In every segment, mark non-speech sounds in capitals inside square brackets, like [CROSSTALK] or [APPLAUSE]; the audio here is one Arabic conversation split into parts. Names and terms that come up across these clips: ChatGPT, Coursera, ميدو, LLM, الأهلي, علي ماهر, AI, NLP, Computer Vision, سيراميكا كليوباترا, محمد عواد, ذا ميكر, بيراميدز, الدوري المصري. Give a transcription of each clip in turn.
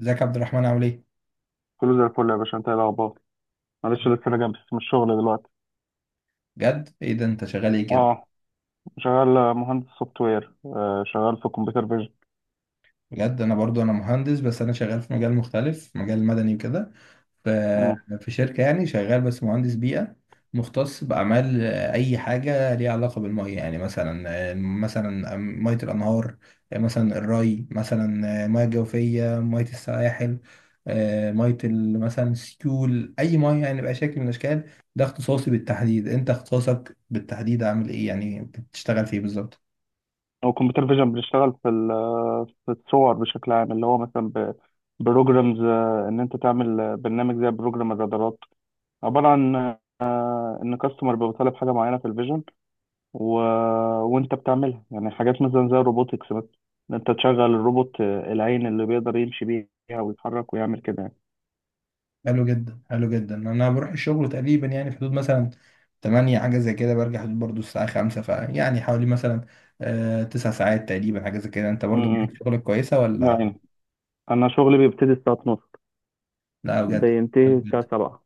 ازيك يا عبد الرحمن، عامل ايه؟ كله زي الفل يا باشا، انت ايه الاخبار؟ معلش لسه راجع بس من الشغل دلوقتي. بجد ايه ده، انت شغال ايه كده؟ اه، شغال مهندس سوفت وير، شغال في كمبيوتر فيجن. بجد انا برضو انا مهندس، بس انا شغال في مجال مختلف، مجال مدني وكده. ف- امم في شركة يعني شغال، بس مهندس بيئة مختص بأعمال أي حاجة ليها علاقة بالمية. يعني مثلا مثلا مية الأنهار، مثلا الري، مثلا مية جوفية، مية السواحل، مثلا السيول، أي مية يعني بأي شكل من الأشكال. ده اختصاصي بالتحديد. أنت اختصاصك بالتحديد عامل ايه؟ يعني بتشتغل في ايه بالظبط؟ هو كمبيوتر فيجن بنشتغل في في الصور بشكل عام، اللي هو مثلا بروجرامز، ان انت تعمل برنامج زي بروجرام الرادارات، عباره عن ان كاستمر بيبقى طالب حاجه معينه في الفيجن. و... وانت بتعملها، يعني حاجات مثلا زي الروبوتكس، مثلا ان انت تشغل الروبوت، العين اللي بيقدر يمشي بيها ويتحرك ويعمل كده يعني. حلو جدا، حلو جدا. انا بروح الشغل تقريبا يعني في حدود مثلا 8، حاجه زي كده، برجع حدود برضو الساعه 5، فيعني حوالي مثلا آه 9 ساعات تقريبا، حاجه زي كده. انت برضو معاك امم شغلك كويسه ولا؟ يعني انا شغلي بيبتدي الساعه 12، لا بجد؟ حلو بينتهي الساعه جدا، 7.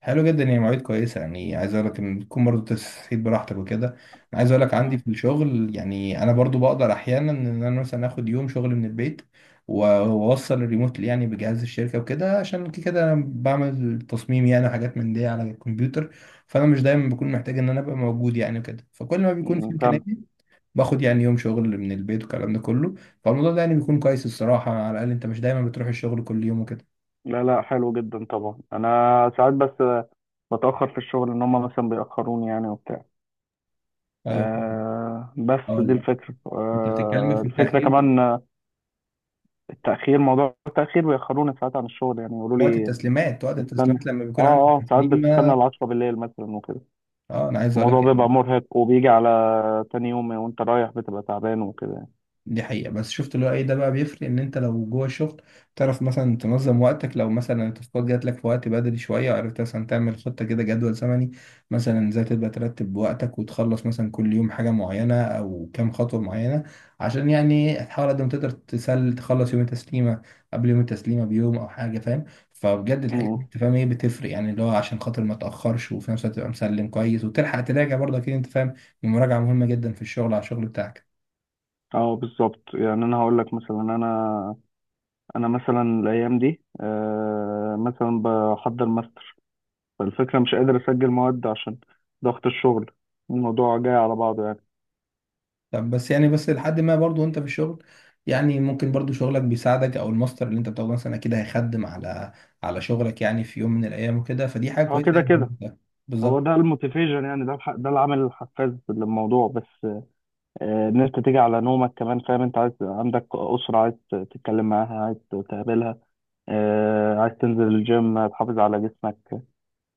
حلو جدا، يعني مواعيد كويسه. يعني عايز اقول لك ان تكون برضو تسعيد براحتك وكده. انا عايز اقول لك عندي مم. في الشغل، يعني انا برضو بقدر احيانا ان انا مثلا اخد يوم شغل من البيت، واوصل الريموت يعني بجهاز الشركه وكده، عشان كده كده انا بعمل تصميم يعني وحاجات من دي على الكمبيوتر. فانا مش دايما بكون محتاج ان انا ابقى موجود يعني وكده، فكل ما بيكون في امكانيه فاهم. باخد يعني يوم شغل من البيت والكلام ده كله. فالموضوع ده يعني بيكون كويس الصراحه، على الاقل انت مش دايما بتروح الشغل كل يوم وكده. لا لا، حلو جدا طبعا. انا ساعات بس بتاخر في الشغل، ان هم مثلا بيأخروني يعني وبتاع. ايوه. بس اه دي لا، الفكره، انت بتتكلم أه في الفكره التاخير. كمان، التأخير، موضوع التأخير بيأخروني ساعات عن الشغل يعني، يقولوا وقت لي التسليمات، وقت استنى. التسليمات لما اه بيكون عندك اه، ساعات بستنى تسليمه. ال 10 بالليل مثلا وكده. اه انا عايز اقول الموضوع لك بيبقى يعني مرهق، وبيجي على تاني يوم وانت رايح بتبقى تعبان وكده يعني. دي حقيقة، بس شفت اللي هو ايه ده بقى، بيفرق ان انت لو جوه الشغل تعرف مثلا تنظم وقتك، لو مثلا التاسكات جات لك في وقت بدري شوية عرفت مثلا تعمل خطة كده، جدول زمني مثلا ازاي تبقى ترتب وقتك وتخلص مثلا كل يوم حاجة معينة او كام خطوة معينة، عشان يعني تحاول قد ما تقدر تسل تخلص يوم التسليمة، قبل يوم التسليمة بيوم او حاجة، فاهم؟ فبجد الحاجات دي أمم. انت فاهم ايه بتفرق، يعني اللي هو عشان خاطر ما تأخرش، وفي نفس الوقت تبقى مسلم كويس وتلحق تراجع برضه، اكيد انت فاهم. المراجعة مهمة جدا في الشغل، على الشغل بتاعك. اه بالظبط. يعني انا هقول لك مثلا، انا مثلا الايام دي، مثلا بحضر ماستر، فالفكره مش قادر اسجل مواد عشان ضغط الشغل، الموضوع جاي على بعضه يعني. طب بس يعني بس لحد ما برضو انت في الشغل، يعني ممكن برضو شغلك بيساعدك، او الماستر اللي انت بتاخده مثلا اكيد هيخدم على على شغلك يعني في يوم من الايام وكده، فدي حاجه هو كويسه كده يعني. كده، هو بالظبط. ده الموتيفيشن يعني، ده ده العامل الحفاز للموضوع. بس ان انت تيجي على نومك كمان، فاهم؟ انت عايز عندك اسره، عايز تتكلم معاها، عايز تقابلها، عايز تنزل الجيم تحافظ على جسمك،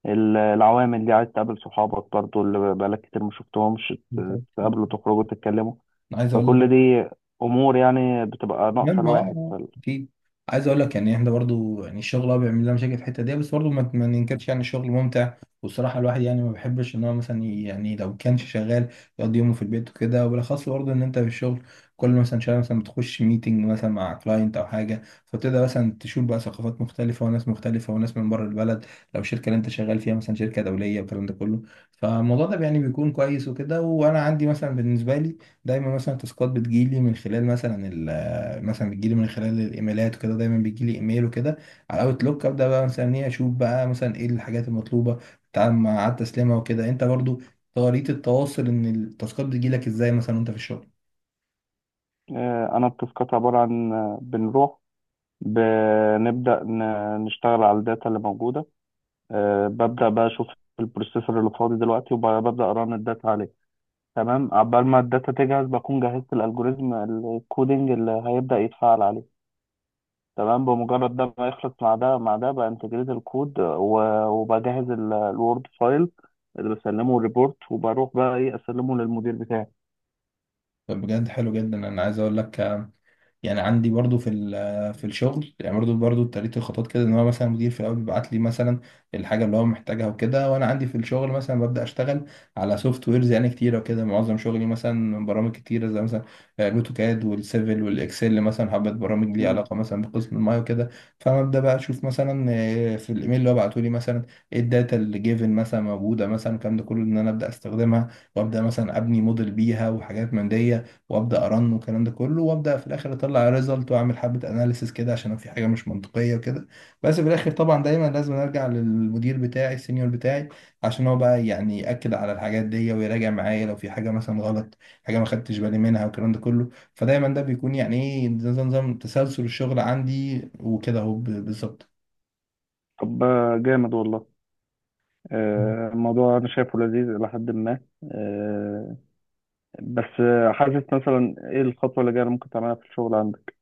العوامل دي، عايز تقابل صحابك برضو اللي بقالك كتير ما شفتهمش، بالظبط تقابلوا، تخرجوا، تتكلموا، انا عايز اقول فكل دي امور يعني بتبقى ناقصه مهمة اه الواحد اكيد. عايز اقول لك يعني احنا برضو يعني الشغل اه بيعمل لنا مشاكل في الحتة دي، بس برضو ما ننكرش يعني الشغل ممتع. والصراحة الواحد يعني ما بيحبش ان هو مثلا يعني لو كانش شغال يقضي يومه في البيت وكده، وبالاخص برضو ان انت في الشغل كل مثلا شوية مثلا بتخش ميتنج مثلا مع كلاينت او حاجة، فبتبدأ مثلا تشوف بقى ثقافات مختلفة وناس مختلفة وناس من بره البلد، لو الشركة اللي انت شغال فيها مثلا شركة دولية والكلام ده كله. فالموضوع ده يعني بيكون كويس وكده. وانا عندي مثلا بالنسبة لي دايما مثلا تاسكات بتجيلي من خلال مثلا، مثلا بتجيلي من خلال الايميلات وكده، دايما بيجيلي ايميل وكده على اوت لوك، ابدا بقى مثلا ايه اشوف بقى مثلا ايه الحاجات المطلوبه، بتتعامل مع التسليمها وكده. انت برضو طريقه التواصل ان التاسكات بتجيلك ازاي مثلا وانت في الشغل؟ انا التاسكات عباره عن، بنروح بنبدا نشتغل على الداتا اللي موجوده، ببدا بقى اشوف البروسيسور اللي فاضي دلوقتي، وببدا اران الداتا عليه. تمام، عقبال ما الداتا تجهز بكون جهزت الالجوريزم الكودينج اللي هيبدا يتفعل عليه. تمام، بمجرد ده ما يخلص مع ده مع ده، بانتجريت الكود، وبجهز الوورد فايل اللي بسلمه الريبورت، وبروح بقى ايه اسلمه للمدير بتاعي. طب بجد حلو جدا. انا عايز اقول لك يعني عندي برضو في في الشغل يعني برضو برضو اتريت الخطوات كده، ان هو مثلا المدير في الاول بيبعت لي مثلا الحاجه اللي هو محتاجها وكده، وانا عندي في الشغل مثلا ببدا اشتغل على سوفت ويرز يعني كتيره وكده. معظم شغلي مثلا برامج كتيره زي مثلا الاوتوكاد والسيفل والاكسل، مثلا حبه برامج ليها علاقه مثلا بقسم المايه وكده. فانا ابدا بقى اشوف مثلا في الايميل اللي هو بعته لي مثلا ايه الداتا اللي جيفن مثلا موجوده، مثلا الكلام ده كله ان انا ابدا استخدمها وابدا مثلا ابني موديل بيها وحاجات من دي، وابدا ارن والكلام ده كله، وابدا في الاخر اطلع ريزلت واعمل حبه اناليسيس كده عشان لو في حاجه مش منطقيه وكده. بس في الاخر طبعا دايما لازم ارجع للمدير بتاعي، السينيور بتاعي، عشان هو بقى يعني ياكد على الحاجات دي ويراجع معايا لو في حاجه مثلا غلط، حاجه ما خدتش بالي منها والكلام ده كله. فدايما ده بيكون يعني ايه، نظام، نظام تسلسل الشغل عندي وكده، اهو بالظبط. طب جامد والله. الموضوع أنا شايفه لذيذ إلى حد ما. آه، بس حاسس مثلا إيه الخطوة اللي جاية اللي ممكن تعملها في الشغل عندك؟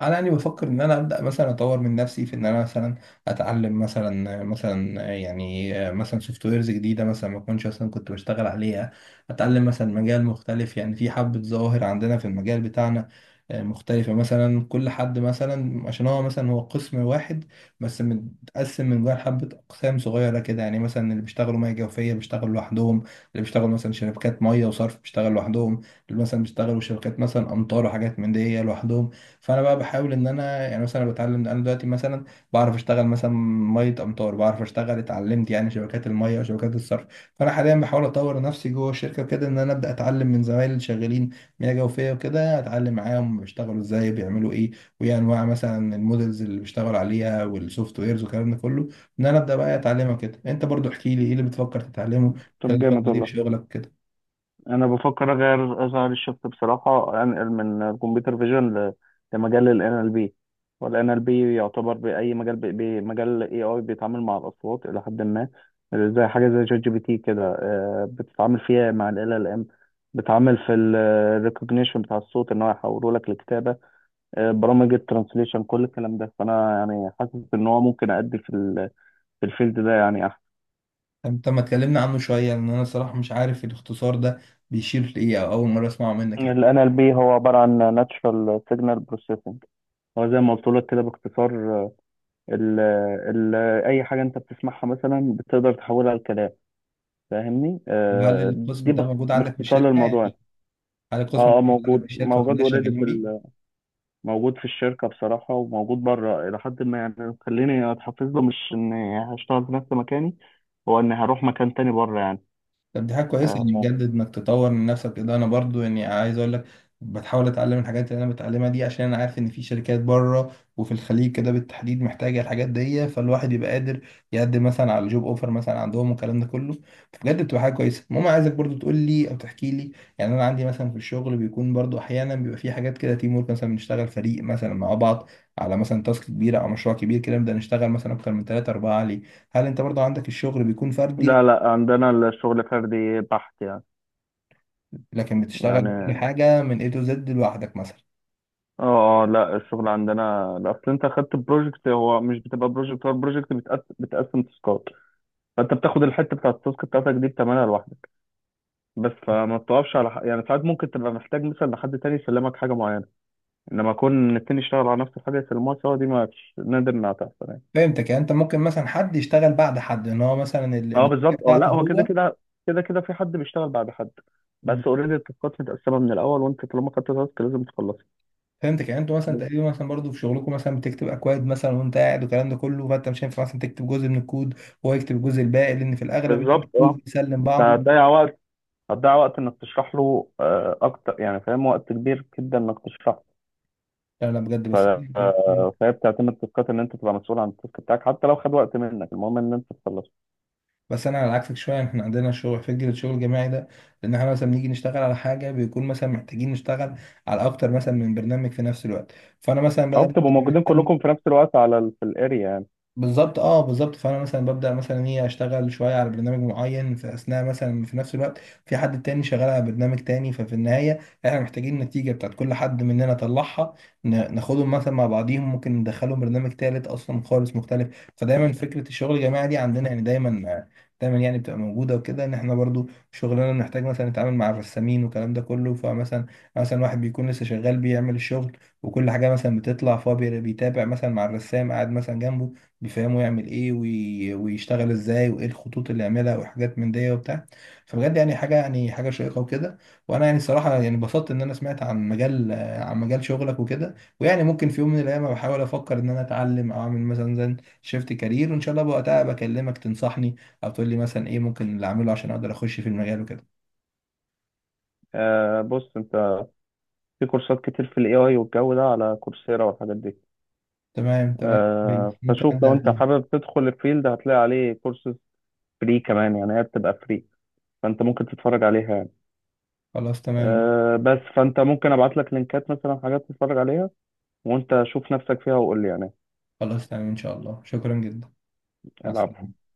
انا يعني بفكر ان انا ابدا مثلا اطور من نفسي في ان انا مثلا اتعلم مثلا، مثلا يعني مثلا سوفت ويرز جديده مثلا ما كنتش اصلا كنت بشتغل عليها، اتعلم مثلا مجال مختلف. يعني في حبه ظواهر عندنا في المجال بتاعنا مختلفه، مثلا كل حد مثلا عشان هو مثلا هو قسم واحد بس متقسم من جوه حبه اقسام صغيره كده، يعني مثلا اللي بيشتغلوا ميه جوفيه بيشتغلوا لوحدهم، اللي بيشتغلوا مثلا شركات ميه وصرف بيشتغلوا لوحدهم، اللي مثلا بيشتغلوا شركات مثلا امطار وحاجات من دي لوحدهم. فانا بقى بحاول ان انا يعني مثلا أنا بتعلم، انا دلوقتي مثلا بعرف اشتغل مثلا ميه امطار، بعرف اشتغل اتعلمت يعني شبكات الميه وشبكات الصرف. فانا حاليا بحاول اطور نفسي جوه الشركه كده، ان انا ابدا اتعلم من زمايلي اللي شغالين مياه جوفيه وكده، اتعلم معاهم بيشتغلوا ازاي، بيعملوا ايه، وايه انواع مثلا المودلز اللي بيشتغلوا عليها، والسوفت ويرز والكلام ده كله، ان انا ابدا بقى اتعلمها كده. انت برضو احكي لي ايه اللي بتفكر تتعلمه طب خلال جامد الفتره دي في والله. شغلك كده. أنا بفكر أغير الشفت بصراحة، أنقل من الكمبيوتر فيجن لمجال ال NLP، وال NLP يعتبر بأي مجال، بمجال ال AI، بيتعامل مع الأصوات إلى حد ما، زي حاجة زي شات جي بي تي كده، بتتعامل فيها مع ال LLM، بتعامل في ال recognition بتاع الصوت إن هو يحوله لك لكتابة، برامج الترانسليشن كل الكلام ده، فانا يعني حاسس ان هو ممكن ادي في في الفيلد ده يعني احسن. انت ما تكلمنا عنه شوية، لان انا صراحة مش عارف الاختصار ده بيشير لإيه، او اول مرة اسمعه منك ال الحقيقة. NLP هو عبارة عن Natural Signal Processing، هو زي ما قلت لك كده باختصار. ال ال اي حاجة انت بتسمعها مثلا بتقدر تحولها لكلام، فاهمني، هل دي القسم ده موجود عندك في باختصار الشركة للموضوع يعني. يعني، هل القسم ده اه اه، موجود عندك في موجود الشركة وفي موجود الناس اوريدي في شغالين بيه؟ موجود في الشركة بصراحة، وموجود بره إلى حد ما، يعني خليني أتحفز له، مش إني هشتغل في نفس مكاني، هو إني هروح مكان تاني بره يعني. طب دي حاجة كويسة يعني، آه، بجد انك تطور من نفسك كده. انا برضو يعني عايز اقول لك بتحاول اتعلم الحاجات اللي انا بتعلمها دي، عشان انا عارف ان في شركات بره وفي الخليج كده بالتحديد محتاجة الحاجات دي، فالواحد يبقى قادر يقدم مثلا على جوب اوفر مثلا عندهم والكلام ده كله. فبجد بتبقى حاجة كويسة. المهم عايزك برضو تقول لي او تحكي لي، يعني انا عندي مثلا في الشغل بيكون برضو احيانا بيبقى في حاجات كده تيم ورك، مثلا بنشتغل فريق مثلا مع بعض على مثلا تاسك كبيرة او مشروع كبير كده، نبدأ نشتغل مثلا اكتر من ثلاثة اربعة عليه. هل انت برضو عندك الشغل بيكون فردي، لا لا، عندنا الشغل فردي بحت يعني. لكن بتشتغل كل يعني حاجة من A to Z لوحدك مثلا؟ اه اه، لا الشغل عندنا، لا، اصل انت خدت بروجكت، هو مش بتبقى بروجكت، هو البروجكت بتقسم، تاسكات. فانت بتاخد الحته بتاعت التاسك بتاعتك دي بتعملها لوحدك بس، فما بتقفش على حق. يعني ساعات ممكن تبقى محتاج مثلا لحد تاني يسلمك حاجه معينه، انما اكون التاني يشتغل على نفس الحاجه يسلموها سوا، دي ما نادر انها تحصل يعني. فهمتك، يعني انت ممكن مثلا حد يشتغل بعد حد ان هو مثلا اه النتيجة بالظبط، اه لا بتاعته هو كده هو. كده، كده كده في حد بيشتغل بعد حد، بس اوريدي التاسكات متقسمه من الاول، وانت طالما خدت تاسك لازم تخلصها. فهمتك، يعني انتوا مثلا تقريبا مثلا برضه في شغلكم مثلا بتكتب اكواد مثلا وانت قاعد والكلام ده كله، فانت مش هينفع مثلا تكتب جزء من الكود وهو يكتب الجزء الباقي، لان في الاغلب يعني بالظبط اه، الكود بيسلم انت بعضه. هتضيع وقت، هتضيع وقت انك تشرح له اكتر يعني فاهم، وقت كبير جدا انك تشرح. لا لا بجد ف... بس [LAUGHS] فهي بتعتمد تاسكات، ان انت تبقى مسؤول عن التاسك بتاعك حتى لو خد وقت منك، المهم ان انت تخلصه. بس انا على عكسك شويه، يعني احنا عندنا شغل فكره الشغل الجماعي ده، لان احنا مثلا بنيجي نشتغل على حاجه بيكون مثلا محتاجين نشتغل على اكتر مثلا من برنامج في نفس الوقت، فانا مثلا او بدل بتبقوا ما موجودين أفضل. كلكم في نفس الوقت على في الاريا يعني. بالظبط اه، بالظبط. فانا مثلا ببدا مثلا ايه اشتغل شويه على برنامج معين، في اثناء مثلا في نفس الوقت في حد تاني شغال على برنامج تاني، ففي النهايه احنا محتاجين النتيجه بتاعت كل حد مننا طلعها، ناخدهم مثلا مع بعضيهم، ممكن ندخلهم برنامج تالت اصلا خالص مختلف. فدايما فكره الشغل الجماعي دي عندنا يعني دايما، دايما يعني بتبقى موجوده وكده. ان احنا برضو شغلنا بنحتاج مثلا نتعامل مع الرسامين والكلام ده كله، فمثلا مثلا واحد بيكون لسه شغال بيعمل الشغل وكل حاجه مثلا بتطلع، فهو بيتابع مثلا مع الرسام قاعد مثلا جنبه، بيفهموا يعمل ايه ويشتغل ازاي وايه الخطوط اللي يعملها وحاجات من دي وبتاع. فبجد يعني حاجه، يعني حاجه شيقه وكده. وانا يعني صراحه يعني انبسطت ان انا سمعت عن مجال عن مجال شغلك وكده، ويعني ممكن في يوم من الايام بحاول افكر ان انا اتعلم او اعمل مثلا زي شيفت كارير، وان شاء الله وقتها بكلمك تنصحني او تقول لي مثلا ايه ممكن اللي اعمله عشان اقدر اخش في المجال وكده. آه، بص انت، في كورسات كتير في الاي اي والجو ده على كورسيرا والحاجات دي. تمام تمام، كويس. آه، ممكن فشوف لو ابدا انت فيها. حابب تدخل الفيلد هتلاقي عليه كورسز فري كمان يعني، هي بتبقى فري، فانت ممكن تتفرج عليها يعني. خلاص تمام. أه بس فانت ممكن ابعت لك لينكات مثلا حاجات تتفرج عليها، وانت شوف نفسك فيها وقول لي يعني. خلاص تمام، ان شاء الله، شكرا جدا، مع العب السلامه.